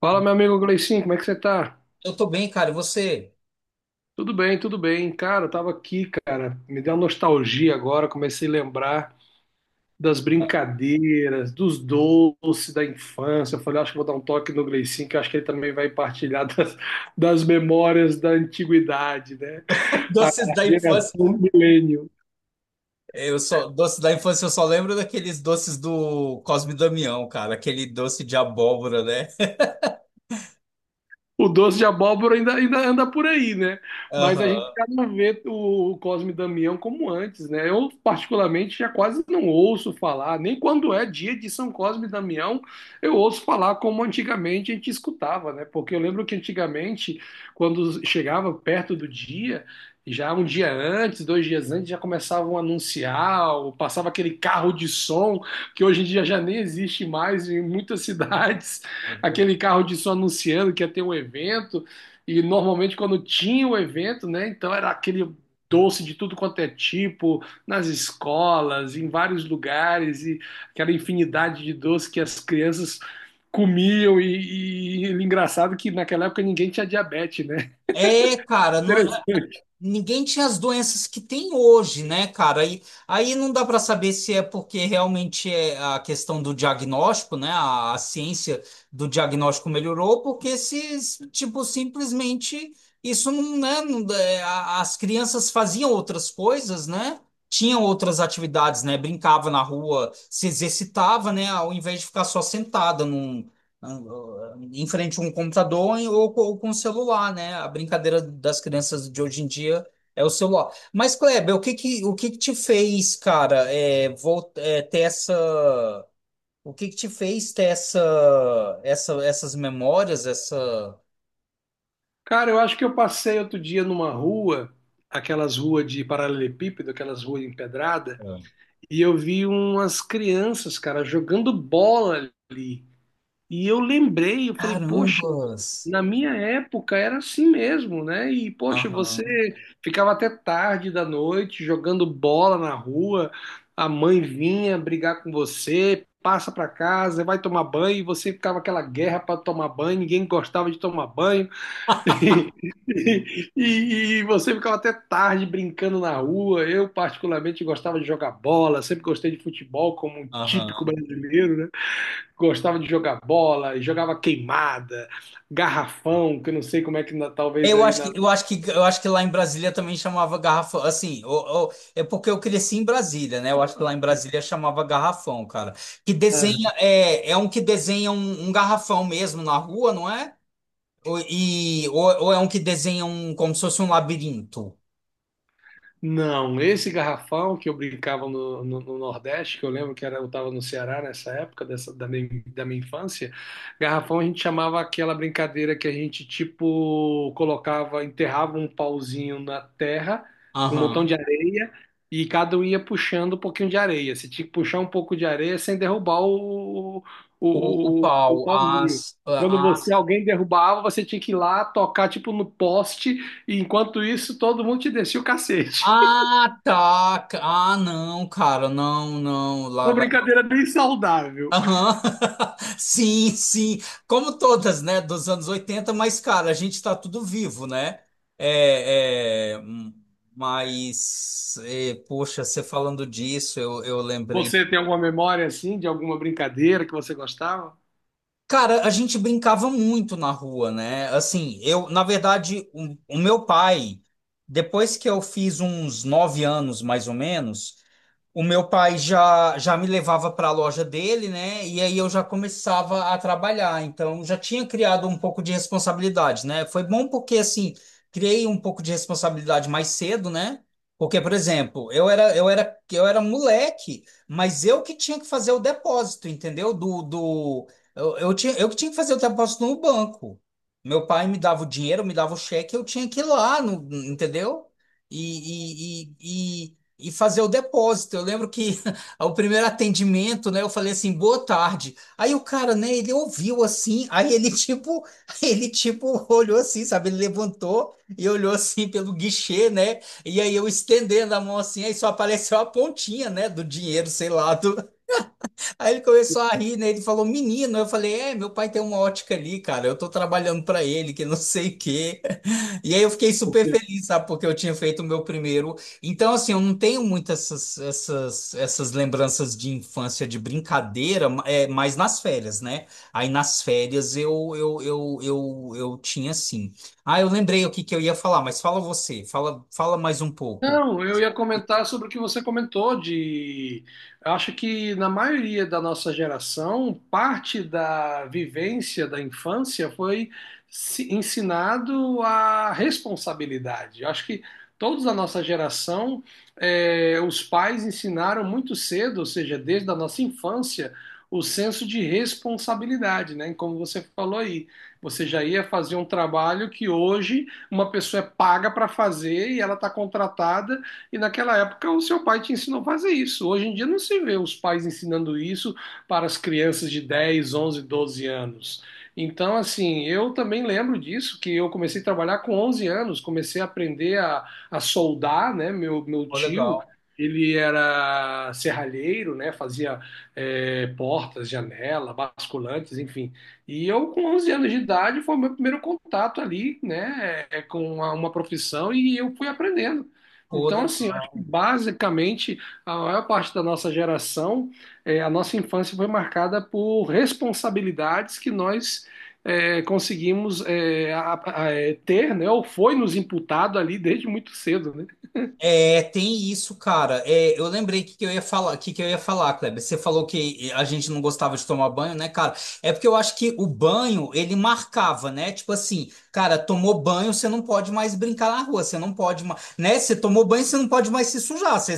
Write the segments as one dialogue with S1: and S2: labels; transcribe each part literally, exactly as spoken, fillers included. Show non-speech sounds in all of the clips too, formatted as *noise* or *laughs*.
S1: Fala, meu amigo Gleicinho, como é que você tá?
S2: Eu tô bem, cara. E você?
S1: Tudo bem, tudo bem. Cara, eu tava aqui, cara, me deu uma nostalgia agora, comecei a lembrar das brincadeiras, dos doces da infância. Eu falei, acho que vou dar um toque no Gleicinho, que eu acho que ele também vai partilhar das, das memórias da antiguidade, né?
S2: *laughs*
S1: A
S2: Doces da infância.
S1: geração milênio.
S2: Eu só, doces da infância eu só lembro daqueles doces do Cosme e Damião, cara. Aquele doce de abóbora, né?
S1: O doce de abóbora ainda, ainda anda por aí, né?
S2: *laughs*
S1: Mas a gente
S2: Aham.
S1: já não vê o Cosme e Damião como antes, né? Eu, particularmente, já quase não ouço falar, nem quando é dia de São Cosme e Damião, eu ouço falar como antigamente a gente escutava, né? Porque eu lembro que antigamente, quando chegava perto do dia, já um dia antes, dois dias antes, já começavam a anunciar, ou passava aquele carro de som que hoje em dia já nem existe mais em muitas *laughs* cidades, aquele carro disso anunciando que ia ter um evento, e normalmente quando tinha o evento, né, então era aquele doce de tudo quanto é tipo, nas escolas, em vários lugares, e aquela infinidade de doce que as crianças comiam, e, e, e engraçado que naquela época ninguém tinha diabetes, né?
S2: É,
S1: *laughs*
S2: cara, não.
S1: Interessante.
S2: Ninguém tinha as doenças que tem hoje, né, cara? Aí, aí não dá para saber se é porque realmente é a questão do diagnóstico, né? A, a ciência do diagnóstico melhorou, porque se, tipo, simplesmente isso não, né? não- é, a- as crianças faziam outras coisas, né? Tinham outras atividades, né? Brincava na rua, se exercitava, né? Ao invés de ficar só sentada em frente a um computador ou, co- ou com o celular, né? A brincadeira das crianças de hoje em dia é o celular. Mas, Kleber, o que que, o que que te fez, cara, é, vol- é, ter essa... O que que te fez ter essa, essa, essas memórias, essa...
S1: Cara, eu acho que eu passei outro dia numa rua, aquelas ruas de paralelepípedo, aquelas ruas empedradas,
S2: ah,
S1: e eu vi umas crianças, cara, jogando bola ali. E eu lembrei, eu falei, poxa,
S2: carambas!
S1: na minha época era assim mesmo, né? E poxa, você
S2: Aham,
S1: ficava até tarde da noite jogando bola na rua, a mãe vinha brigar com você, passa pra casa, vai tomar banho, e você ficava aquela guerra para tomar banho, ninguém gostava de tomar banho. *laughs* E, e você ficava até tarde brincando na rua. Eu particularmente gostava de jogar bola, sempre gostei de futebol como um típico
S2: aham.
S1: brasileiro, né? Gostava de jogar bola, jogava queimada, garrafão, que eu não sei como é que na- talvez
S2: Eu
S1: aí
S2: acho
S1: na,
S2: que, eu acho que, eu acho que lá em Brasília também chamava garrafão. Assim, o- o- é porque eu cresci em Brasília, né? Eu acho que lá em Brasília chamava garrafão, cara. Que desenha, é, é um que desenha um, um garrafão mesmo na rua, não é? Ou, e, ou, ou é um que desenha um, como se fosse um labirinto.
S1: não, esse garrafão que eu brincava no, no- no Nordeste, que eu lembro que era, eu estava no Ceará nessa época dessa, da, minha, da minha infância, garrafão a gente chamava aquela brincadeira que a gente tipo colocava, enterrava um pauzinho na terra com um montão de
S2: Aham.
S1: areia e cada um ia puxando um pouquinho de areia. Você tinha que puxar um pouco de areia sem derrubar o,
S2: O, o
S1: o, o, o
S2: pau,
S1: pauzinho.
S2: as,
S1: Quando você
S2: as.
S1: alguém derrubava, você tinha que ir lá tocar tipo no poste e enquanto isso, todo mundo te descia o cacete. *laughs*
S2: Ah, tá. Ah, não, cara, não, não. Lá,
S1: Uma
S2: lá
S1: brincadeira bem saudável.
S2: Aham. *laughs* Sim, sim. Como todas, né, dos anos oitenta. Mas, cara, a gente tá tudo vivo, né? É, é, hum, mas, é, poxa, você falando disso, eu, eu lembrei.
S1: Você tem alguma memória assim de alguma brincadeira que você gostava?
S2: Cara, a gente brincava muito na rua, né? Assim, eu, na verdade, o, o meu pai, depois que eu fiz uns nove anos, mais ou menos, o meu pai já, já me levava para a loja dele, né? E aí eu já começava a trabalhar. Então já tinha criado um pouco de responsabilidade, né? Foi bom porque assim, criei um pouco de responsabilidade mais cedo, né? Porque, por exemplo, eu era eu era eu era moleque, mas eu que tinha que fazer o depósito, entendeu? Do, do eu, eu tinha eu que tinha que fazer o depósito no banco. Meu pai me dava o dinheiro, me dava o cheque, eu tinha que ir lá, no, entendeu? E, e, e, e fazer o depósito. Eu lembro que *laughs* o primeiro atendimento, né, eu falei assim, boa tarde. Aí o cara, né, ele ouviu assim, aí ele tipo, *laughs* ele tipo olhou assim, sabe? Ele levantou e olhou assim pelo guichê, né? E aí eu estendendo a mão assim, aí só apareceu a pontinha, né, do dinheiro, sei lá, do. Aí ele começou a rir, né? Ele falou, menino. Eu falei, é, meu pai tem uma ótica ali, cara. Eu tô trabalhando pra ele, que não sei o quê. *laughs* E aí eu fiquei super
S1: Você
S2: feliz, sabe? Porque eu tinha feito o meu primeiro. Então, assim, eu não tenho muitas essas, essas, essas lembranças de infância, de brincadeira, ma- é, mas nas férias, né? Aí nas férias eu, eu, eu, eu, eu tinha, assim. Ah, eu lembrei o que que eu ia falar, mas fala você. Fala, fala mais um pouco.
S1: Não, eu ia comentar sobre o que você comentou de, eu acho que na maioria da nossa geração, parte da vivência da infância foi se- ensinado a responsabilidade. Eu acho que todos da nossa geração, eh, os pais ensinaram muito cedo, ou seja, desde a nossa infância, o senso de responsabilidade, né? Como você falou aí, você já ia fazer um trabalho que hoje uma pessoa é paga para fazer e ela está contratada, e naquela época o seu pai te ensinou a fazer isso. Hoje em dia não se vê os pais ensinando isso para as crianças de dez, onze, doze anos. Então, assim, eu também lembro disso, que eu comecei a trabalhar com onze anos, comecei a aprender a, a soldar, né? Meu, meu
S2: Pô,
S1: tio,
S2: legal.
S1: ele era serralheiro, né? Fazia eh, portas, janela, basculantes, enfim. E eu, com onze anos de idade, foi o meu primeiro contato ali, né, é, com uma, uma profissão e eu fui aprendendo.
S2: Pô,
S1: Então, assim, eu acho que
S2: legal.
S1: basicamente a maior parte da nossa geração, é, a nossa infância foi marcada por responsabilidades que nós é, conseguimos é, a- a- é, ter, né, ou foi nos imputado ali desde muito cedo, né?
S2: É, tem isso, cara. É, eu lembrei que, que eu ia falar, que, que eu ia falar, Kleber. Você falou que a gente não gostava de tomar banho, né, cara? É porque eu acho que o banho, ele marcava, né? Tipo assim, cara, tomou banho, você não pode mais brincar na rua, você não pode mais, né? Você tomou banho, você não pode mais se sujar. Você,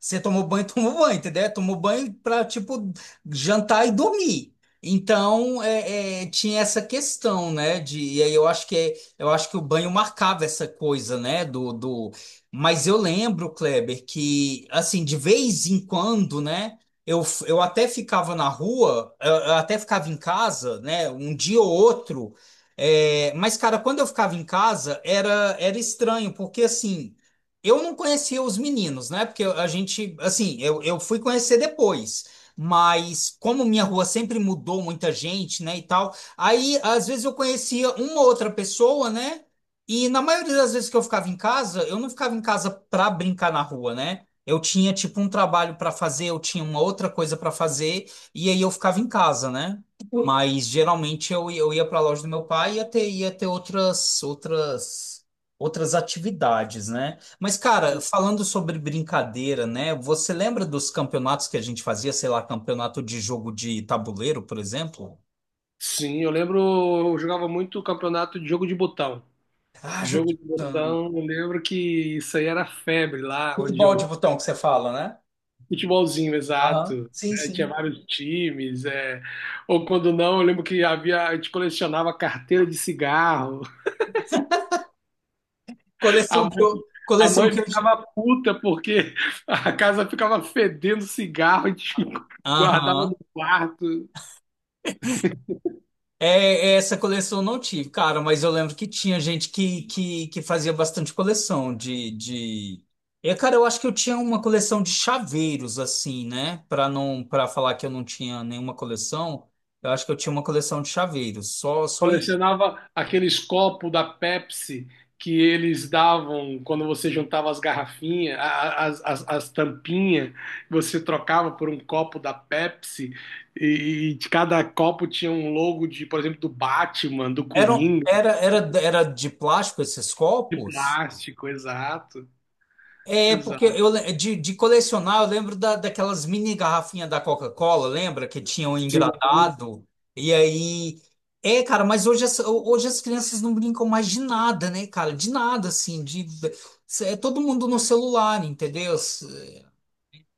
S2: você tomou banho, *laughs* tomou banho, entendeu? Tomou banho pra, tipo, jantar e dormir. Então, é, é, tinha essa questão, né? De, e aí eu acho que é- eu acho que o banho marcava essa coisa, né? do, do- mas eu lembro, Kleber, que assim, de vez em quando, né? Eu, eu até ficava na rua, eu, eu até ficava em casa, né? Um dia ou outro. É, mas, cara, quando eu ficava em casa, era, era estranho, porque assim, eu não conhecia os meninos, né? Porque a gente, assim, eu, eu fui conhecer depois. Mas como minha rua sempre mudou muita gente, né, e tal, aí às vezes eu conhecia uma outra pessoa, né? E na maioria das vezes que eu ficava em casa, eu não ficava em casa para brincar na rua, né? Eu tinha tipo um trabalho para fazer, eu tinha uma outra coisa para fazer, e aí eu ficava em casa, né? Mas geralmente eu, eu ia para a loja do meu pai e ia ter, ia ter outras, outras, outras atividades, né? Mas, cara, falando sobre brincadeira, né? Você lembra dos campeonatos que a gente fazia, sei lá, campeonato de jogo de tabuleiro, por exemplo?
S1: Sim, eu lembro, eu jogava muito campeonato de jogo de botão.
S2: Ah, jogo
S1: Jogo
S2: de
S1: de
S2: botão.
S1: botão, eu lembro que isso aí era febre lá onde
S2: Futebol de
S1: eu...
S2: botão que você fala, né?
S1: Futebolzinho,
S2: Aham.
S1: exato.
S2: Sim,
S1: É, tinha
S2: sim.
S1: vários times, é. Ou quando não, eu lembro que havia, a gente colecionava carteira de cigarro. A
S2: Coleção que
S1: mãe,
S2: eu.
S1: a
S2: Coleção
S1: mãe
S2: que eu.
S1: ficava puta porque *laughs* a casa ficava fedendo cigarro, a gente *laughs* guardava
S2: Aham.
S1: no quarto.
S2: É, é, essa coleção eu não tive, cara, mas eu lembro que tinha gente que, que, que fazia bastante coleção de, de... É, cara, eu acho que eu tinha uma coleção de chaveiros, assim, né? Para não, para falar que eu não tinha nenhuma coleção, eu acho que eu tinha uma coleção de chaveiros, só, só aí.
S1: Colecionava aqueles copos da Pepsi que eles davam quando você juntava as garrafinhas, a- as, as, as tampinhas, você trocava por um copo da Pepsi e, e de cada copo tinha um logo de, por exemplo, do Batman, do
S2: Era,
S1: Coringa,
S2: era, era, era de plástico esses
S1: de
S2: copos?
S1: plástico, exato,
S2: É, porque
S1: exato.
S2: eu le- de, de colecionar, eu lembro da, daquelas mini garrafinhas da Coca-Cola, lembra? Que tinham
S1: Sim.
S2: engradado. E aí. É, cara, mas hoje as, hoje as crianças não brincam mais de nada, né, cara? De nada, assim. De, é todo mundo no celular, entendeu?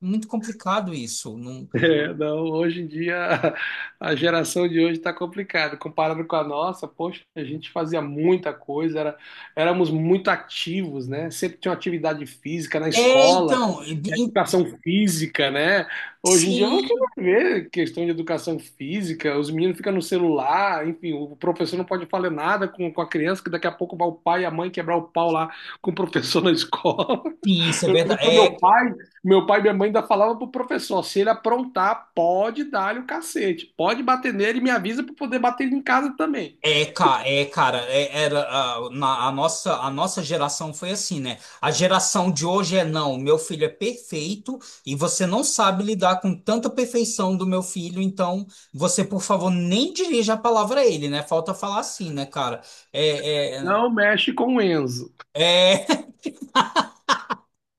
S2: Muito complicado isso. Não...
S1: É, não, hoje em dia *laughs* a geração de hoje está complicada. Comparado com a nossa, poxa, a gente fazia muita coisa, era, éramos muito ativos, né? Sempre tinha uma atividade física na
S2: É,
S1: escola,
S2: então. e- e-
S1: educação física, né? Hoje em dia você
S2: Sim,
S1: não vê questão de educação física, os meninos ficam no celular, enfim, o professor não pode falar nada com, com a criança, que daqui a pouco vai o pai e a mãe quebrar o pau lá com o professor na *laughs* escola.
S2: sim, isso é
S1: Eu lembro
S2: verdade.
S1: que o meu
S2: é,
S1: pai, meu pai e minha mãe ainda falavam pro professor, se ele aprontar, pode dar-lhe o cacete, pode bater nele e me avisa para poder bater ele em casa também.
S2: É, ca- é, cara, é- era, a, na- a nossa, a nossa geração foi assim, né? A geração de hoje é não, meu filho é perfeito e você não sabe lidar com tanta perfeição do meu filho, então você, por favor, nem dirija a palavra a ele, né? Falta falar assim, né, cara? É, é,
S1: Não mexe com o Enzo.
S2: é,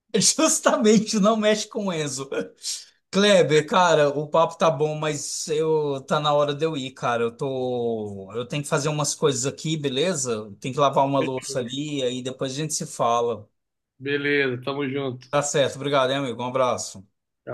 S2: *laughs* Justamente, não mexe com o Enzo. Kleber, cara, o papo tá bom, mas eu tá na hora de eu ir, cara. Eu tô, eu tenho que fazer umas coisas aqui, beleza? Tem que lavar uma louça ali, aí depois a gente se fala.
S1: Beleza, tamo junto.
S2: Tá certo, obrigado, hein, amigo. Um abraço.